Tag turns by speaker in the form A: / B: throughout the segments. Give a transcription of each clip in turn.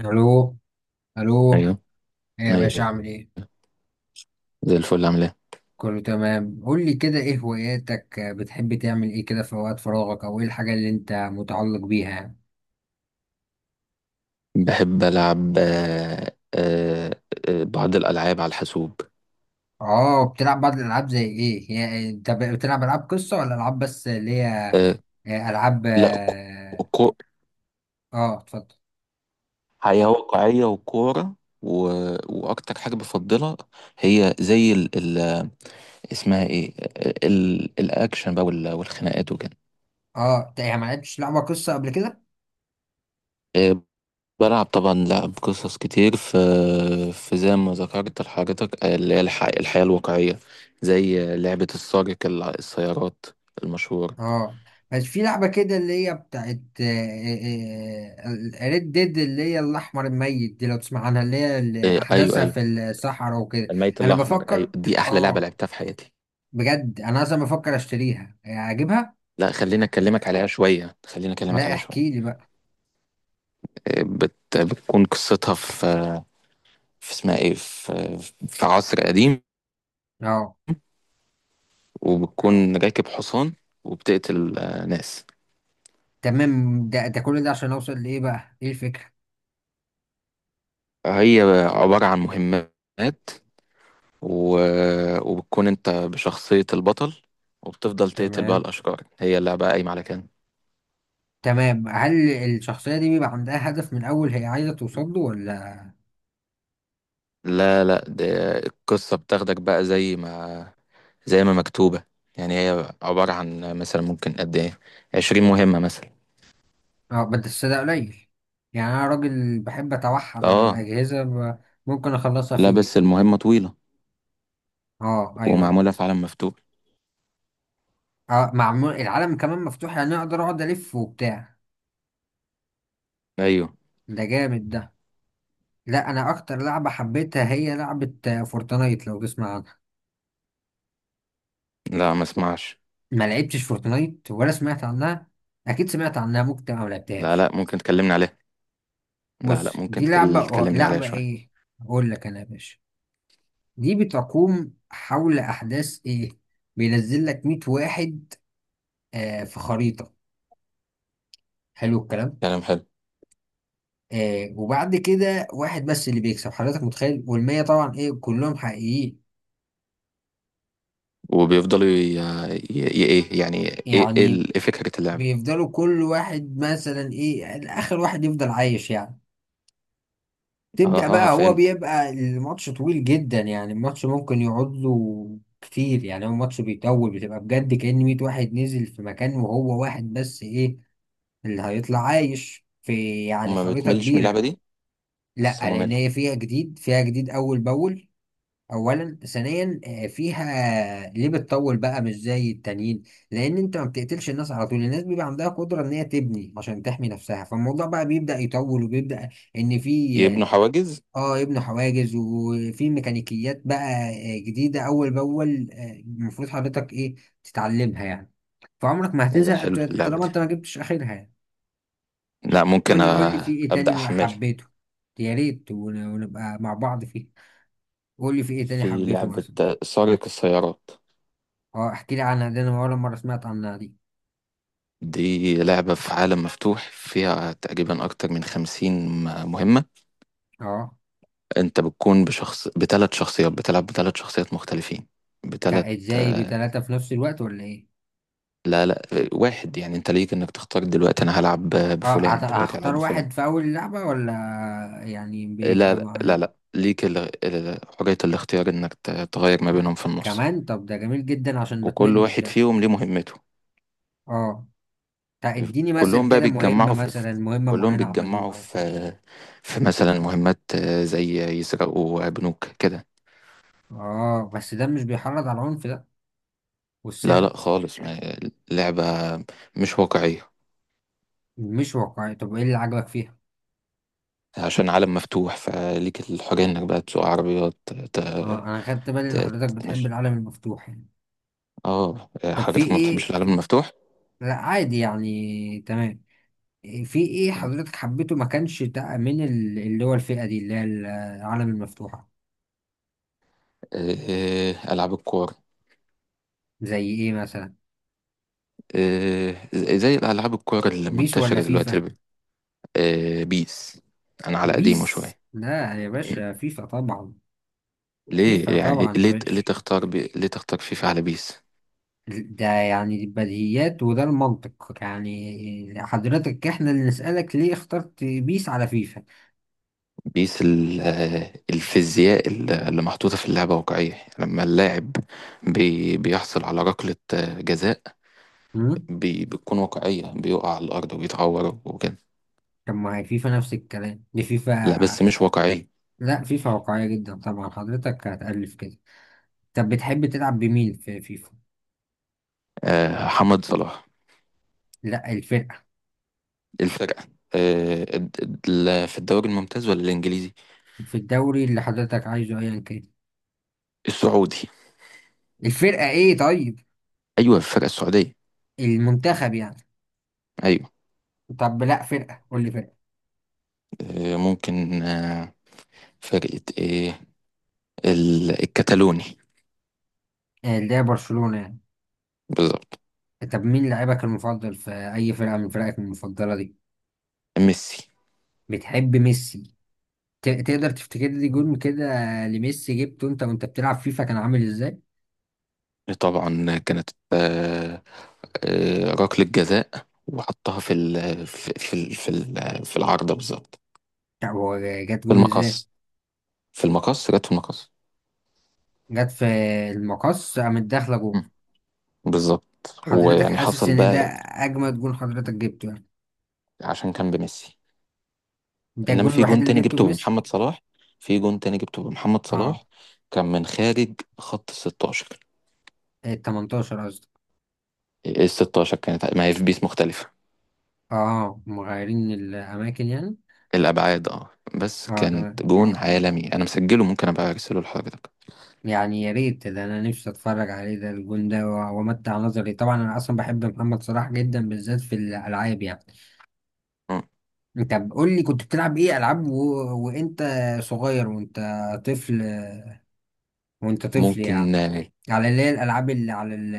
A: الو، الو.
B: ايوه
A: ايه يا باشا،
B: ايوه
A: اعمل ايه؟
B: زي الفل، عامل ايه؟
A: كله تمام. قول لي كده، ايه هواياتك؟ بتحب تعمل ايه كده في وقت فراغك، او ايه الحاجه اللي انت متعلق بيها يعني؟
B: بحب العب بعض الالعاب على الحاسوب.
A: اه، بتلعب بعض الالعاب. زي ايه هي؟ انت بتلعب العاب قصه ولا العاب بس اللي هي.
B: آه،
A: العاب
B: لا كو كو-
A: اتفضل.
B: حياة واقعية وكورة و... واكتر حاجة بفضلها هي زي ال... ال... اسمها ايه ال... الاكشن بقى والخناقات وكده.
A: اه، انت يعني ما لعبتش لعبه قصه قبل كده؟
B: آه، بلعب طبعا لعب قصص كتير في زي ما ذكرت لحضرتك، اللي هي الحياة الواقعية، زي لعبة السارق السيارات المشهورة.
A: اه، بس في لعبة كده اللي هي بتاعت ريد ديد، اللي هي الأحمر الميت دي، لو تسمع عنها، اللي هي اللي
B: إيه، ايوه،
A: أحداثها
B: ايوه.
A: في الصحراء وكده.
B: الميت
A: أنا
B: الاحمر، ايوه،
A: بفكر.
B: دي احلى لعبه
A: اه،
B: لعبتها في حياتي.
A: بجد أنا أصلا بفكر أشتريها، أجيبها؟
B: لا، خليني اكلمك عليها شويه، خليني اكلمك
A: لا،
B: عليها شويه.
A: احكي لي بقى.
B: إيه، بتكون قصتها في اسمها ايه، في عصر قديم.
A: اه،
B: وبتكون راكب حصان، وبتقتل ناس.
A: تمام. ده كل ده عشان أوصل لإيه بقى؟ إيه الفكرة؟
B: هي عباره عن مهمات و... وبتكون انت بشخصيه البطل، وبتفضل تقتل بقى
A: تمام،
B: الاشرار. هي اللعبه قايمه على كده.
A: تمام. هل الشخصية دي بيبقى عندها هدف من أول هي عايزة توصل له ولا؟
B: لا، لا، ده القصة بتاخدك بقى زي ما مكتوبة. يعني هي عبارة عن مثلا ممكن قد ايه، 20 مهمة مثلا.
A: اه، بس ده قليل. يعني انا راجل بحب اتوحد على
B: اه.
A: الاجهزه، ممكن اخلصها في
B: لا
A: يوم.
B: بس المهمة طويلة.
A: اه، ايوه، ايوه.
B: ومعمولة في عالم مفتوح.
A: اه، معمول العالم كمان مفتوح يعني اقدر اقعد الف وبتاع.
B: ايوه.
A: ده جامد ده. لا، انا اكتر لعبه حبيتها هي لعبه فورتنايت، لو تسمع عنها.
B: لا، ما اسمعش.
A: ما لعبتش فورتنايت ولا سمعت عنها؟ اكيد سمعت عنها، ممكن تبقى ما
B: لا
A: لعبتهاش.
B: لا ممكن تكلمني عليها. لا لا
A: بص،
B: ممكن
A: دي لعبه
B: تكلمني عليها
A: لعبه
B: شوية.
A: ايه. اقول لك انا يا باشا، دي بتقوم حول احداث ايه. بينزل لك 100 واحد في خريطه. حلو الكلام.
B: كلام حلو.
A: وبعد كده واحد بس اللي بيكسب، حضرتك متخيل؟ والمية طبعا ايه، كلهم حقيقيين.
B: وبيفضلوا ايه يعني.
A: يعني
B: إيه فكرة اللعبة؟
A: بيفضلوا كل واحد مثلا ايه، اخر واحد يفضل عايش يعني.
B: اه،
A: تبدأ
B: اه،
A: بقى، هو
B: فهمت.
A: بيبقى الماتش طويل جدا، يعني الماتش ممكن يقعد له كتير، يعني هو ماتش بيطول. بتبقى بجد كأن 100 واحد نزل في مكان وهو واحد بس ايه اللي هيطلع عايش في يعني
B: هما ما
A: خريطة
B: بتملش من اللعبة
A: كبيرة.
B: دي؟
A: لا،
B: حاسسها
A: لان
B: مملة.
A: هي فيها جديد، فيها جديد اول باول. اولا، ثانيا، فيها. ليه بتطول بقى مش زي التانيين؟ لان انت ما بتقتلش الناس على طول، الناس بيبقى عندها قدره ان هي تبني عشان تحمي نفسها. فالموضوع بقى بيبدا يطول وبيبدا ان في.
B: يبنوا حواجز.
A: اه، يبنوا حواجز. وفي ميكانيكيات بقى جديده اول باول، المفروض حضرتك ايه تتعلمها يعني. فعمرك ما
B: إيه ده،
A: هتزهق
B: حلو اللعبة
A: طالما
B: دي.
A: انت ما جبتش اخرها يعني.
B: لا، ممكن
A: قول لي، قول لي في ايه
B: أبدأ
A: تاني
B: أحملها.
A: حبيته. يا ريت ونبقى مع بعض فيه. قول لي في ايه تاني
B: في
A: حبيته
B: لعبة
A: مثلا.
B: سارق السيارات.
A: اه، احكي لي عنها، دي انا اول مره سمعت عنها دي.
B: دي لعبة في عالم مفتوح فيها تقريبا أكتر من خمسين مهمة.
A: اه،
B: أنت بتكون بشخص، بتلات شخصيات. بتلعب بتلات شخصيات مختلفين بتلات
A: ازاي
B: آه،
A: بثلاثه في نفس الوقت، ولا ايه؟
B: لا، لا. واحد يعني، أنت ليك إنك تختار، دلوقتي أنا هلعب
A: اه،
B: بفلان دلوقتي هلعب
A: هختار
B: بفلان.
A: واحد في اول لعبه، ولا يعني
B: لا
A: بيبقى
B: لا لا,
A: معايا
B: لا. ليك حرية الاختيار إنك تغير ما بينهم في النص.
A: كمان؟ طب ده جميل جدا عشان ما
B: وكل
A: تملش
B: واحد
A: ده.
B: فيهم ليه مهمته.
A: اه، طب اديني مثل
B: كلهم بقى
A: كده مهمه،
B: بيتجمعوا
A: مثلا مهمه
B: كلهم
A: معينه
B: بيتجمعوا
A: عملوها
B: في
A: وكده.
B: في مثلا مهمات زي يسرقوا بنوك كده.
A: اه، بس ده مش بيحرض على العنف ده
B: لا
A: والسرقه؟
B: لا خالص اللعبة مش واقعية.
A: مش واقعي؟ طب ايه اللي عجبك فيها؟
B: عشان عالم مفتوح فليك الحرية انك بقى تسوق عربيات
A: اه، انا خدت بالي ان حضرتك بتحب
B: تتمشى.
A: العالم المفتوح يعني.
B: اه،
A: طب في
B: حضرتك ما
A: ايه؟
B: بتحبش العالم المفتوح؟
A: لا، عادي يعني، تمام. في ايه
B: تمام.
A: حضرتك حبيته ما كانش ده من اللي هو الفئة دي اللي هي العالم المفتوحة؟
B: ألعاب الكور.
A: زي ايه مثلا؟
B: آه، زي الألعاب الكور
A: بيس ولا
B: المنتشرة دلوقتي.
A: فيفا؟
B: بيس. أنا على قديمه
A: بيس؟
B: شوية.
A: لا يا باشا، فيفا طبعا. فيفا
B: ليه يعني؟
A: طبعا يا
B: ليه
A: باشا.
B: تختار فيفا على بيس؟
A: ده يعني البديهيات، وده المنطق يعني. حضرتك احنا اللي نسألك، ليه اخترت بيس على فيفا؟
B: بيس ال... آه، الفيزياء اللي محطوطة في اللعبة واقعية، لما اللاعب بيحصل على ركلة جزاء
A: امم
B: بتكون واقعية، بيقع على الأرض وبيتعور وكده.
A: طب ما هي فيفا نفس الكلام، دي
B: لا
A: فيفا.
B: بس مش واقعية.
A: لا، فيفا واقعية جدا طبعا. حضرتك هتألف كده. طب بتحب تلعب بمين في فيفا؟
B: محمد صلاح.
A: لا، الفرقة.
B: الفرقة. آه، الد- في الدوري الممتاز ولا الإنجليزي؟
A: في الدوري اللي حضرتك عايزه، ايا كان.
B: السعودي.
A: الفرقة ايه طيب؟
B: أيوة، الفرقة السعودية.
A: المنتخب يعني؟
B: أيوة.
A: طب لا فرقة، قول لي فرقة.
B: ممكن. فرقة إيه؟ الكتالوني.
A: اللي هي برشلونة يعني؟
B: بالظبط.
A: طب مين لاعبك المفضل في اي فرقة من فرقك المفضلة دي؟
B: ميسي.
A: بتحب ميسي؟ تقدر تفتكر لي جون كده لميسي جبته انت وانت بتلعب فيفا، كان عامل ازاي؟
B: طبعا كانت ركلة جزاء، وحطها في العارضة بالظبط.
A: طب هو جت
B: في
A: جون ازاي؟
B: المقص. في المقص، جت في المقص.
A: جت في المقص، قامت داخلة جون.
B: مم. بالظبط،
A: حضرتك
B: ويعني
A: حاسس
B: حصل
A: ان ده
B: بقى.
A: اجمد جون حضرتك جبته يعني؟
B: عشان كان بميسي.
A: ده
B: انما
A: الجون
B: في
A: الوحيد
B: جون
A: اللي
B: تاني
A: جبته
B: جبته
A: بميسي؟
B: بمحمد صلاح. في جون تاني جبته بمحمد
A: اه،
B: صلاح. كان من خارج خط ال 16.
A: ال 18 قصدي.
B: ال 16 كانت، ما هي في بيس مختلفة.
A: اه، مغيرين الأماكن يعني.
B: الابعاد، اه. بس
A: اه،
B: كانت
A: تمام.
B: جون عالمي، انا مسجله ممكن ابقى ارسله لحضرتك.
A: يعني يا ريت ده، أنا نفسي أتفرج عليه ده الجون ده، وأمتع نظري. طبعا أنا أصلا بحب محمد صلاح جدا، بالذات في الألعاب يعني. طب قول لي، كنت بتلعب إيه ألعاب وأنت صغير، طفل وأنت طفل يعني،
B: ممكن، آه.
A: على اللي هي الألعاب اللي على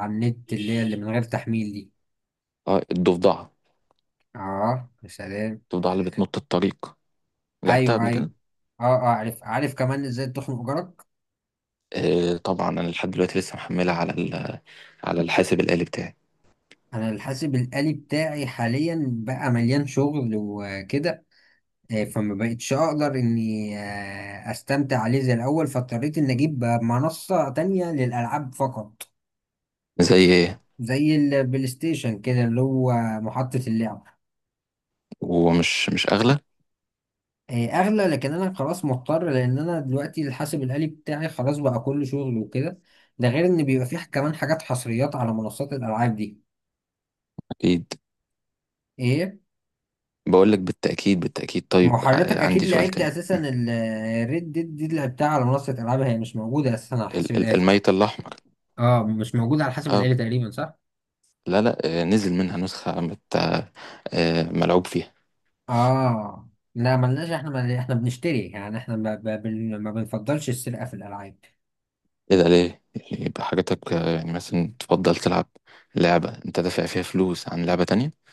A: على النت، اللي هي اللي من غير تحميل دي.
B: الضفدعة.
A: اه، يا سلام!
B: الضفدعة اللي بتنط الطريق. لعبتها
A: أيوه،
B: قبل
A: أيوه.
B: كده.
A: اه، اه، عارف، عارف كمان إزاي تخنق جارك.
B: آه طبعا، أنا لحد دلوقتي لسه محملها على على الحاسب الآلي بتاعي.
A: انا الحاسب الآلي بتاعي حاليا بقى مليان شغل وكده، فما بقتش اقدر اني استمتع عليه زي الاول. فاضطريت اني اجيب منصة تانية للالعاب فقط،
B: زي إيه؟
A: زي البلاي ستيشن كده، اللي هو محطة اللعب.
B: ومش مش أغلى؟
A: اغلى، لكن انا خلاص مضطر، لان انا دلوقتي الحاسب الآلي بتاعي خلاص بقى كل شغل وكده. ده غير ان بيبقى فيه كمان حاجات حصريات على منصات الالعاب دي.
B: أكيد.
A: ايه؟
B: بقول لك بالتأكيد، بالتأكيد.
A: ما هو
B: طيب
A: حضرتك
B: عندي
A: اكيد
B: سؤال
A: لعبت
B: تاني.
A: اساسا الريد ديد دي اللي لعبتها على منصه العاب، هي مش موجوده اساسا على حسب الالي.
B: الميت الأحمر.
A: اه، مش موجود على حسب
B: أه.
A: الآلي تقريبا، صح؟
B: لا، لا، نزل منها نسخة مت آه، آه، ملعوب فيها.
A: اه، لا، ملناش، احنا احنا بنشتري يعني. احنا ما, ب... بن... ما بنفضلش السرقه في الالعاب.
B: إيه ده ليه؟ يعني يبقى حاجتك يعني مثلا تفضل تلعب لعبة أنت دافع فيها فلوس عن لعبة تانية؟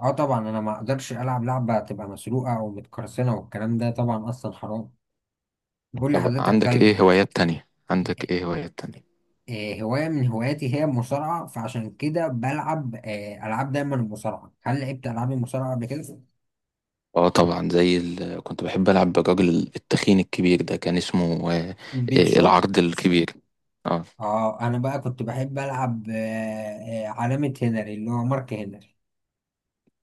A: اه طبعا، انا ما اقدرش العب لعبه تبقى مسروقه او متقرصنه، والكلام ده طبعا اصلا حرام. بقول
B: طب
A: لحضرتك،
B: عندك
A: طيب.
B: ايه هوايات تانية؟
A: آه،
B: عندك ايه هوايات تانية؟
A: هوايه من هواياتي هي المصارعه، فعشان كده بلعب العاب دايما المصارعه. هل لعبت العاب المصارعه قبل كده؟
B: اه طبعا، كنت بحب العب بالراجل التخين الكبير ده، كان اسمه
A: بيك شو.
B: العرض الكبير. اه.
A: اه، انا بقى كنت بحب العب علامة هنري، اللي هو مارك هنري.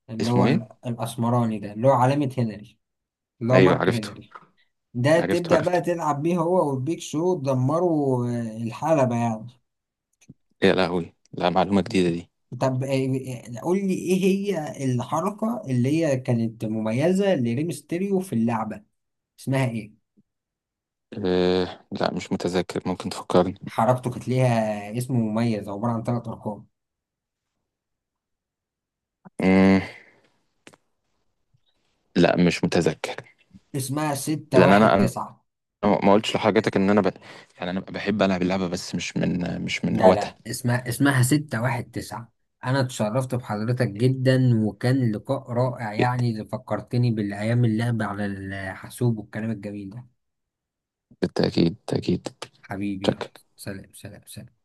A: اللي هو
B: اسمه ايه؟
A: الاسمراني ده، اللي هو علامة هنري، اللي هو
B: ايوه،
A: مارك
B: عرفته.
A: هنري. ده
B: عرفته،
A: تبدأ بقى
B: عرفته.
A: تلعب بيه هو والبيك شو، تدمروا الحلبة يعني.
B: يا لهوي! لا، معلومة جديدة دي.
A: طب قول لي ايه هي الحركة اللي هي كانت مميزة لريمستيريو في اللعبة، اسمها ايه؟
B: أه لا، مش متذكر، ممكن تفكرني.
A: حركته كانت ليها اسم مميز، عبارة عن ثلاث ارقام.
B: مم. لا، مش متذكر.
A: اسمها ستة
B: لان انا،
A: واحد تسعة
B: ما قلتش لحضرتك ان يعني انا بحب العب اللعبة بس مش من
A: لا،
B: هواتها.
A: لا، اسمها 619. انا اتشرفت بحضرتك جدا، وكان لقاء رائع
B: جدا.
A: يعني، اللي فكرتني بالايام اللعب على الحاسوب والكلام الجميل ده.
B: بالتأكيد، بالتأكيد.
A: حبيبي،
B: شكرا.
A: يلا، سلام، سلام، سلام.